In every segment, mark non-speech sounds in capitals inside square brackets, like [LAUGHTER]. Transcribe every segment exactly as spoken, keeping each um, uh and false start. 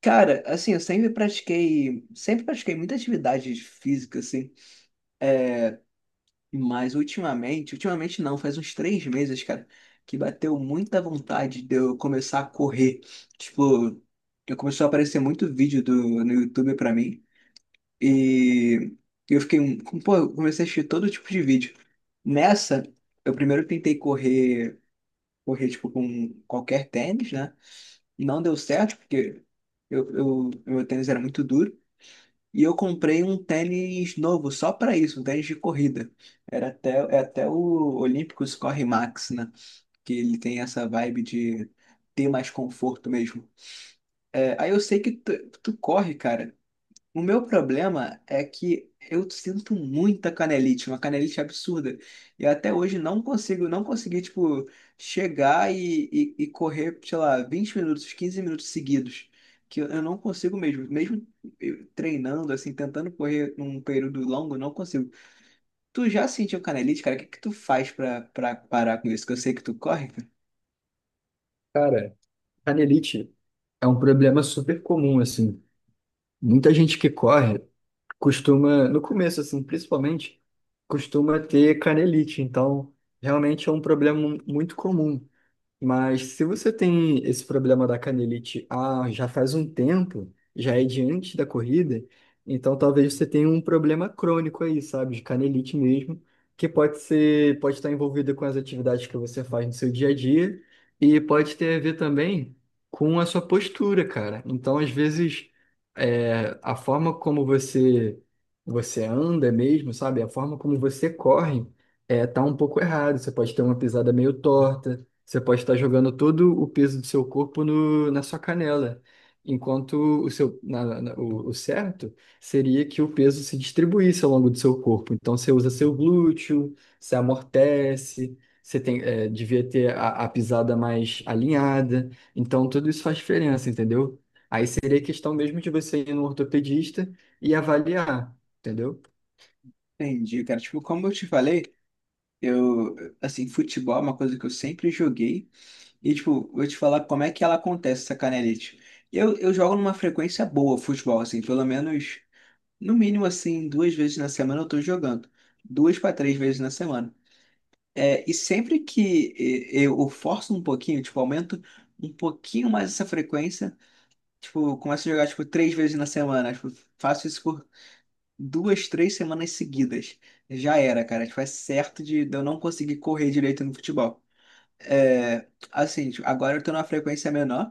Cara, assim, eu sempre pratiquei, sempre pratiquei muita atividade física, assim, mas ultimamente, ultimamente não, faz uns três meses, cara, que bateu muita vontade de eu começar a correr. Tipo, eu começou a aparecer muito vídeo do, no YouTube pra mim, e eu fiquei, um- pô, eu comecei a assistir todo tipo de vídeo. Nessa, eu primeiro tentei correr, correr, tipo, com qualquer tênis, né? Não deu certo, porque eu, eu, meu tênis era muito duro. E eu comprei um tênis novo só para isso, um tênis de corrida. Era até, é até o Olímpicos Corre Max, né? Que ele tem essa vibe de ter mais conforto mesmo. É, aí eu sei que tu, tu corre, cara. O meu problema é que eu sinto muita canelite, uma canelite absurda. E até hoje não consigo, não consegui, tipo, chegar e, e, e correr, sei lá, vinte minutos, quinze minutos seguidos. Que eu, eu não consigo mesmo. Mesmo eu treinando, assim, tentando correr num período longo, eu não consigo. Tu já sentiu canelite, cara? O que que tu faz pra, pra parar com isso? Que eu sei que tu corre, cara. Cara, canelite é um problema super comum, assim. Muita gente que corre costuma, no começo, assim, principalmente, costuma ter canelite. Então, realmente é um problema mu- muito comum. Mas se você tem esse problema da canelite ah, já faz um tempo, já é diante da corrida, então talvez você tenha um problema crônico aí, sabe, de canelite mesmo, que pode ser, pode estar envolvido com as atividades que você faz no seu dia a dia e pode ter a ver também com a sua postura, cara. Então, às vezes, é, a forma como você você anda mesmo, sabe, a forma como você corre, é, tá um pouco errado. Você pode ter uma pisada meio torta, você pode estar jogando todo o peso do seu corpo no, na sua canela, enquanto o seu, na- na- o, o certo seria que o peso se distribuísse ao longo do seu corpo. Então você usa seu glúteo, você amortece, você tem, eh, devia ter a, a pisada mais alinhada. Então tudo isso faz diferença, entendeu? Aí seria questão mesmo de você ir no ortopedista e avaliar, entendeu? Entendi, cara. Tipo, como eu te falei, eu, assim, futebol é uma coisa que eu sempre joguei. E, tipo, vou te falar como é que ela acontece, essa canelite. Eu, eu jogo numa frequência boa futebol, assim, pelo menos, no mínimo, assim, duas vezes na semana eu tô jogando. Duas para três vezes na semana. É, e sempre que eh, eu forço um pouquinho, tipo, aumento um pouquinho mais essa frequência, tipo, eu começo a jogar, tipo, três vezes na semana. Tipo, faço isso por duas, três semanas seguidas. Já era, cara. Tipo, é certo de, de eu não conseguir correr direito no futebol. É, assim, tipo, agora eu tô numa frequência menor.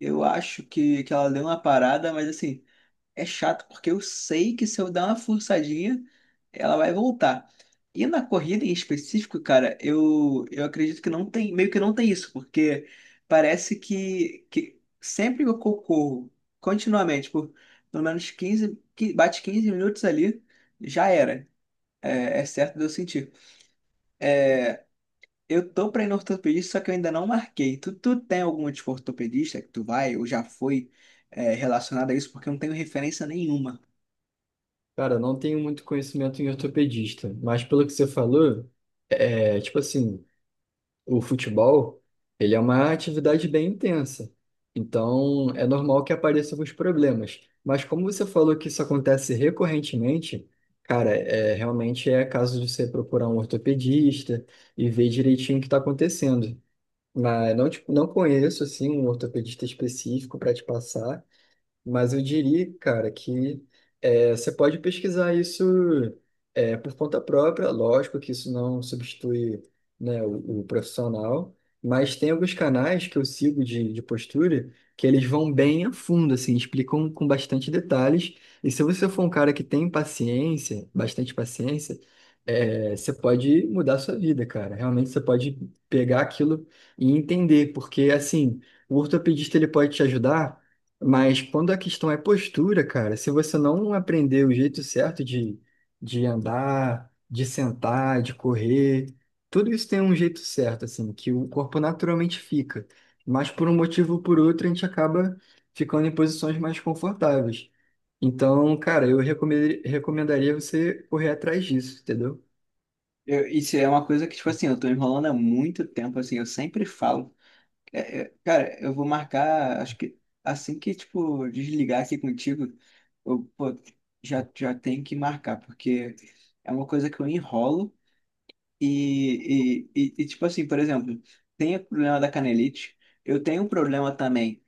Eu acho que, que ela deu uma parada, mas assim, é chato porque eu sei que se eu dar uma forçadinha, ela vai voltar. E na corrida em específico, cara, eu, eu acredito que não tem, meio que não tem isso, porque parece que, que sempre que eu corro continuamente, por pelo menos quinze que bate quinze minutos ali, já era. É, é certo de eu sentir. Eu tô pra ir no ortopedista, só que eu ainda não marquei. Tu, tu tem alguma tipo ortopedista que tu vai ou já foi é, relacionada a isso? Porque eu não tenho referência nenhuma. Cara, eu não tenho muito conhecimento em ortopedista, mas pelo que você falou, é tipo assim. O futebol, ele é uma atividade bem intensa. Então, é normal que apareçam os problemas. Mas como você falou que isso acontece recorrentemente, cara, é, realmente é caso de você procurar um ortopedista e ver direitinho o que está acontecendo. Mas não, tipo, não conheço, assim, um ortopedista específico para te passar. Mas eu diria, cara, que é, você pode pesquisar isso, é, por conta própria, lógico que isso não substitui, né, o, o profissional, mas tem alguns canais que eu sigo de, de postura que eles vão bem a fundo, assim, explicam com bastante detalhes. E se você for um cara que tem paciência, bastante paciência, é, você pode mudar a sua vida, cara. Realmente você pode pegar aquilo e entender, porque assim, o ortopedista ele pode te ajudar, mas quando a questão é postura, cara, se você não aprender o jeito certo de, de andar, de sentar, de correr, tudo isso tem um jeito certo, assim, que o corpo naturalmente fica. Mas por um motivo ou por outro, a gente acaba ficando em posições mais confortáveis. Então, cara, eu recomenda- recomendaria você correr atrás disso, entendeu? Eu- isso é uma coisa que, tipo assim, eu tô enrolando há muito tempo, assim, eu sempre falo. É, é, cara, eu vou marcar, acho que assim que, tipo, desligar aqui contigo, eu, pô, já, já tenho que marcar, porque é uma coisa que eu enrolo. E, e, e, e, tipo assim, por exemplo, tem o problema da canelite. Eu tenho um problema também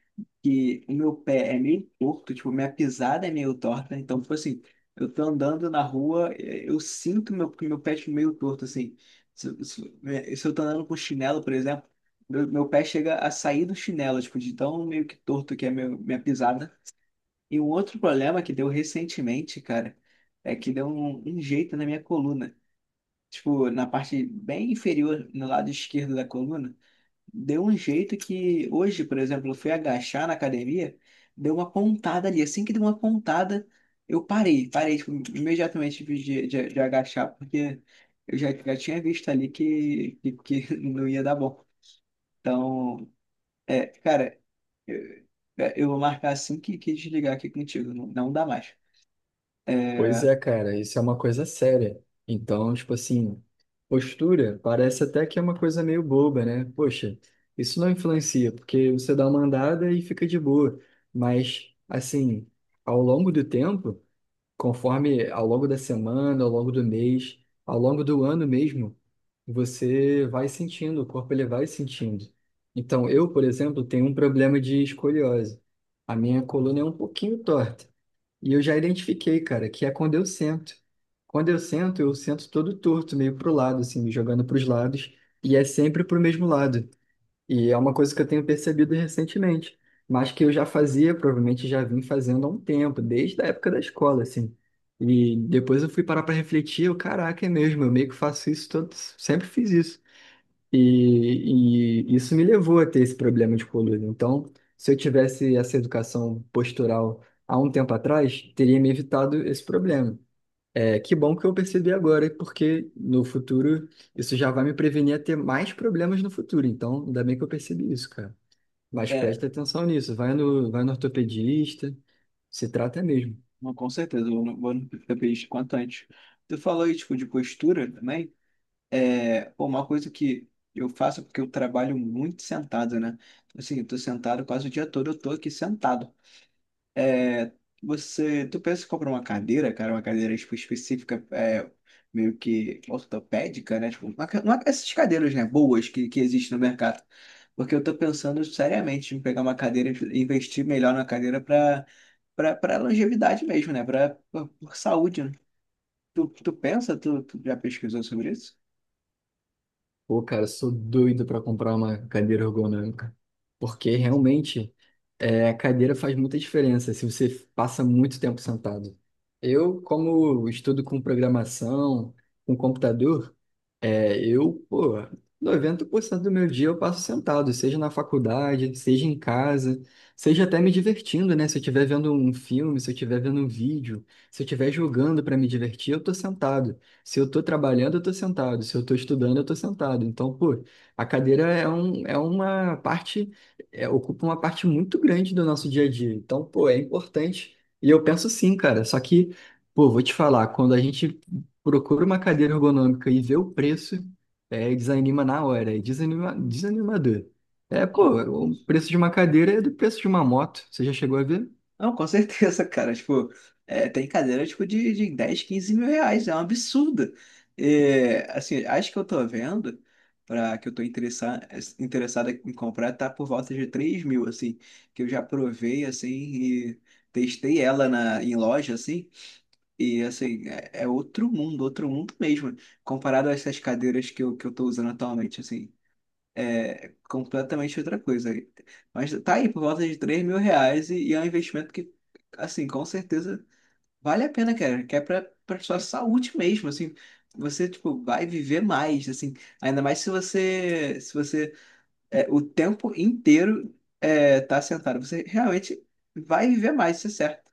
que o meu pé é meio torto, tipo, minha pisada é meio torta. Então, tipo assim, eu tô andando na rua, eh, eu sinto meu, que meu pé é tipo, meio torto, assim. Se, se, eh, se eu tô andando com chinelo, por exemplo, meu, meu pé chega a sair do chinelo, tipo, de tão meio que torto que é meu, minha pisada. E um outro problema que deu recentemente, cara, é que deu um um jeito na minha coluna, tipo, na parte bem inferior, no lado esquerdo da coluna, deu um jeito que hoje, por exemplo, eu fui agachar na academia, deu uma pontada ali. Assim que deu uma pontada, eu parei, parei, tipo, imediatamente, tipo, de, de, de agachar, porque eu já, já tinha visto ali que, que, que [LAUGHS] não ia dar bom. Então, é, cara, eu, é, eu vou marcar assim que, que desligar aqui contigo, não, não dá mais. Pois é é, cara, isso é uma coisa séria. Então, tipo assim, postura parece até que é uma coisa meio boba, né? Poxa, isso não influencia, porque você dá uma andada e fica de boa. Mas, assim, ao longo do tempo, conforme ao longo da semana, ao longo do mês, ao longo do ano mesmo, você vai sentindo, o corpo ele vai sentindo. Então, eu, por exemplo, tenho um problema de escoliose. A minha coluna é um pouquinho torta. E eu já identifiquei, cara, que é quando eu sento. Quando eu sento, eu sento todo torto, meio pro lado, assim, me jogando pros lados, e é sempre pro mesmo lado. E é uma coisa que eu tenho percebido recentemente, mas que eu já fazia, provavelmente já vim fazendo há um tempo, desde a época da escola, assim. E depois eu fui parar pra refletir, eu, caraca, é mesmo, eu meio que faço isso todo, sempre fiz isso. E, e isso me levou a ter esse problema de coluna. Então, se eu tivesse essa educação postural há um tempo atrás, teria me evitado esse problema. É, que bom que eu percebi agora, porque no futuro isso já vai me prevenir a ter mais problemas no futuro. Então, ainda bem que eu percebi isso, cara. Mas é presta atenção nisso. Vai no, vai no ortopedista, se trata mesmo. Não, com certeza, eu não- vou no P P I quanto antes. Tu falou aí, tipo, de postura também. É, pô, uma coisa que eu faço é porque eu trabalho muito sentado, né? Assim, eu tô sentado quase o dia todo, eu tô aqui sentado. É, você, tu pensa em comprar uma cadeira, cara, uma cadeira tipo, específica, é, meio que ortopédica, né? Tipo, uma, ca- uma- essas cadeiras, né, boas que, que existem no mercado. Porque eu tô pensando seriamente em pegar uma cadeira e investir melhor na cadeira para para longevidade mesmo, né? Para saúde, né? Tu, tu pensa, tu, tu já pesquisou sobre isso? Pô, cara, eu sou doido para comprar uma cadeira ergonômica, porque Isso. realmente é, a cadeira faz muita diferença se você passa muito tempo sentado. Eu, como estudo com programação, com computador, é, eu, pô, noventa por cento do meu dia eu passo sentado, seja na faculdade, seja em casa, seja até me divertindo, né? Se eu estiver vendo um filme, se eu estiver vendo um vídeo, se eu estiver jogando para me divertir, eu tô sentado. Se eu tô trabalhando, eu tô sentado. Se eu tô estudando, eu tô sentado. Então, pô, a cadeira é, um, é uma parte, é, ocupa uma parte muito grande do nosso dia a dia. Então, pô, é importante. E eu penso sim, cara. Só que, pô, vou te falar, quando a gente procura uma cadeira ergonômica e vê o preço, é, desanima na hora, é desanima, desanimador. É, pô, Como? o preço de uma cadeira é do preço de uma moto. Você já chegou a ver? Não, com certeza, cara. Tipo, é, tem cadeira tipo, de, de dez quinze mil reais. É um absurdo. É, assim, acho que eu tô vendo, para que eu tô interessado, interessado em comprar, tá por volta de três mil, assim. Que eu já provei, assim, e testei ela na, em loja, assim. E, assim, é, é outro mundo, outro mundo mesmo. Comparado a essas cadeiras que eu, que eu tô usando atualmente, assim. É completamente outra coisa. Mas tá aí, por volta de três mil reais e, e é um investimento que, assim, com certeza vale a pena, cara. Que é pra, pra sua saúde mesmo, assim. Você, tipo, vai viver mais, assim. Ainda mais se você, se você é, o tempo inteiro, é, tá sentado. Você realmente vai viver mais, isso é certo.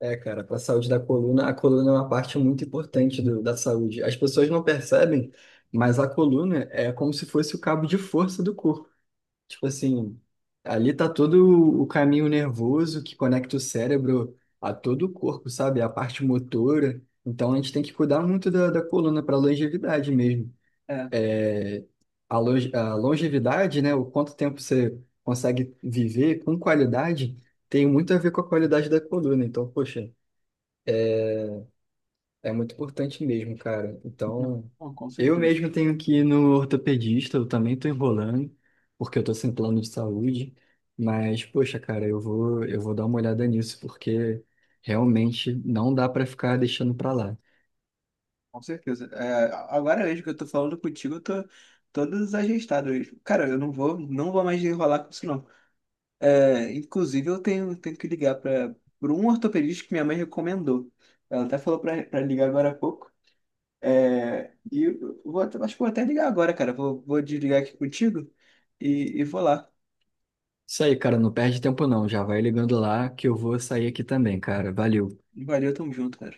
É, cara, para a saúde da coluna, a coluna é uma parte muito importante do- da saúde. As pessoas não percebem, mas a coluna é como se fosse o cabo de força do corpo. Tipo assim, ali tá todo o caminho nervoso que conecta o cérebro a todo o corpo, sabe? A parte motora. Então a gente tem que cuidar muito da, da coluna para longevidade mesmo. É, É, a, longe- a longevidade, né? O quanto tempo você consegue viver com qualidade tem muito a ver com a qualidade da coluna. Então, poxa. É muito importante mesmo, cara. não, Então, não, com eu certeza. mesmo tenho que ir no ortopedista, eu também tô enrolando, porque eu tô sem plano de saúde. Mas, poxa, cara, eu vou, eu vou dar uma olhada nisso, porque realmente não dá pra ficar deixando pra lá. Com certeza. É, agora mesmo que eu tô falando contigo, eu tô todo desajeitado hoje. Cara, eu não vou, não vou mais enrolar com isso, não. É, inclusive, eu tenho, tenho que ligar para por um ortopedista que minha mãe recomendou. Ela até falou para ligar agora há pouco. É, e eu vou, até- acho que vou até ligar agora, cara. Vou, vou desligar aqui contigo e, e vou lá. Isso aí, cara, não perde tempo não. Já vai ligando lá que eu vou sair aqui também, cara. Valeu. Valeu, tamo junto, cara.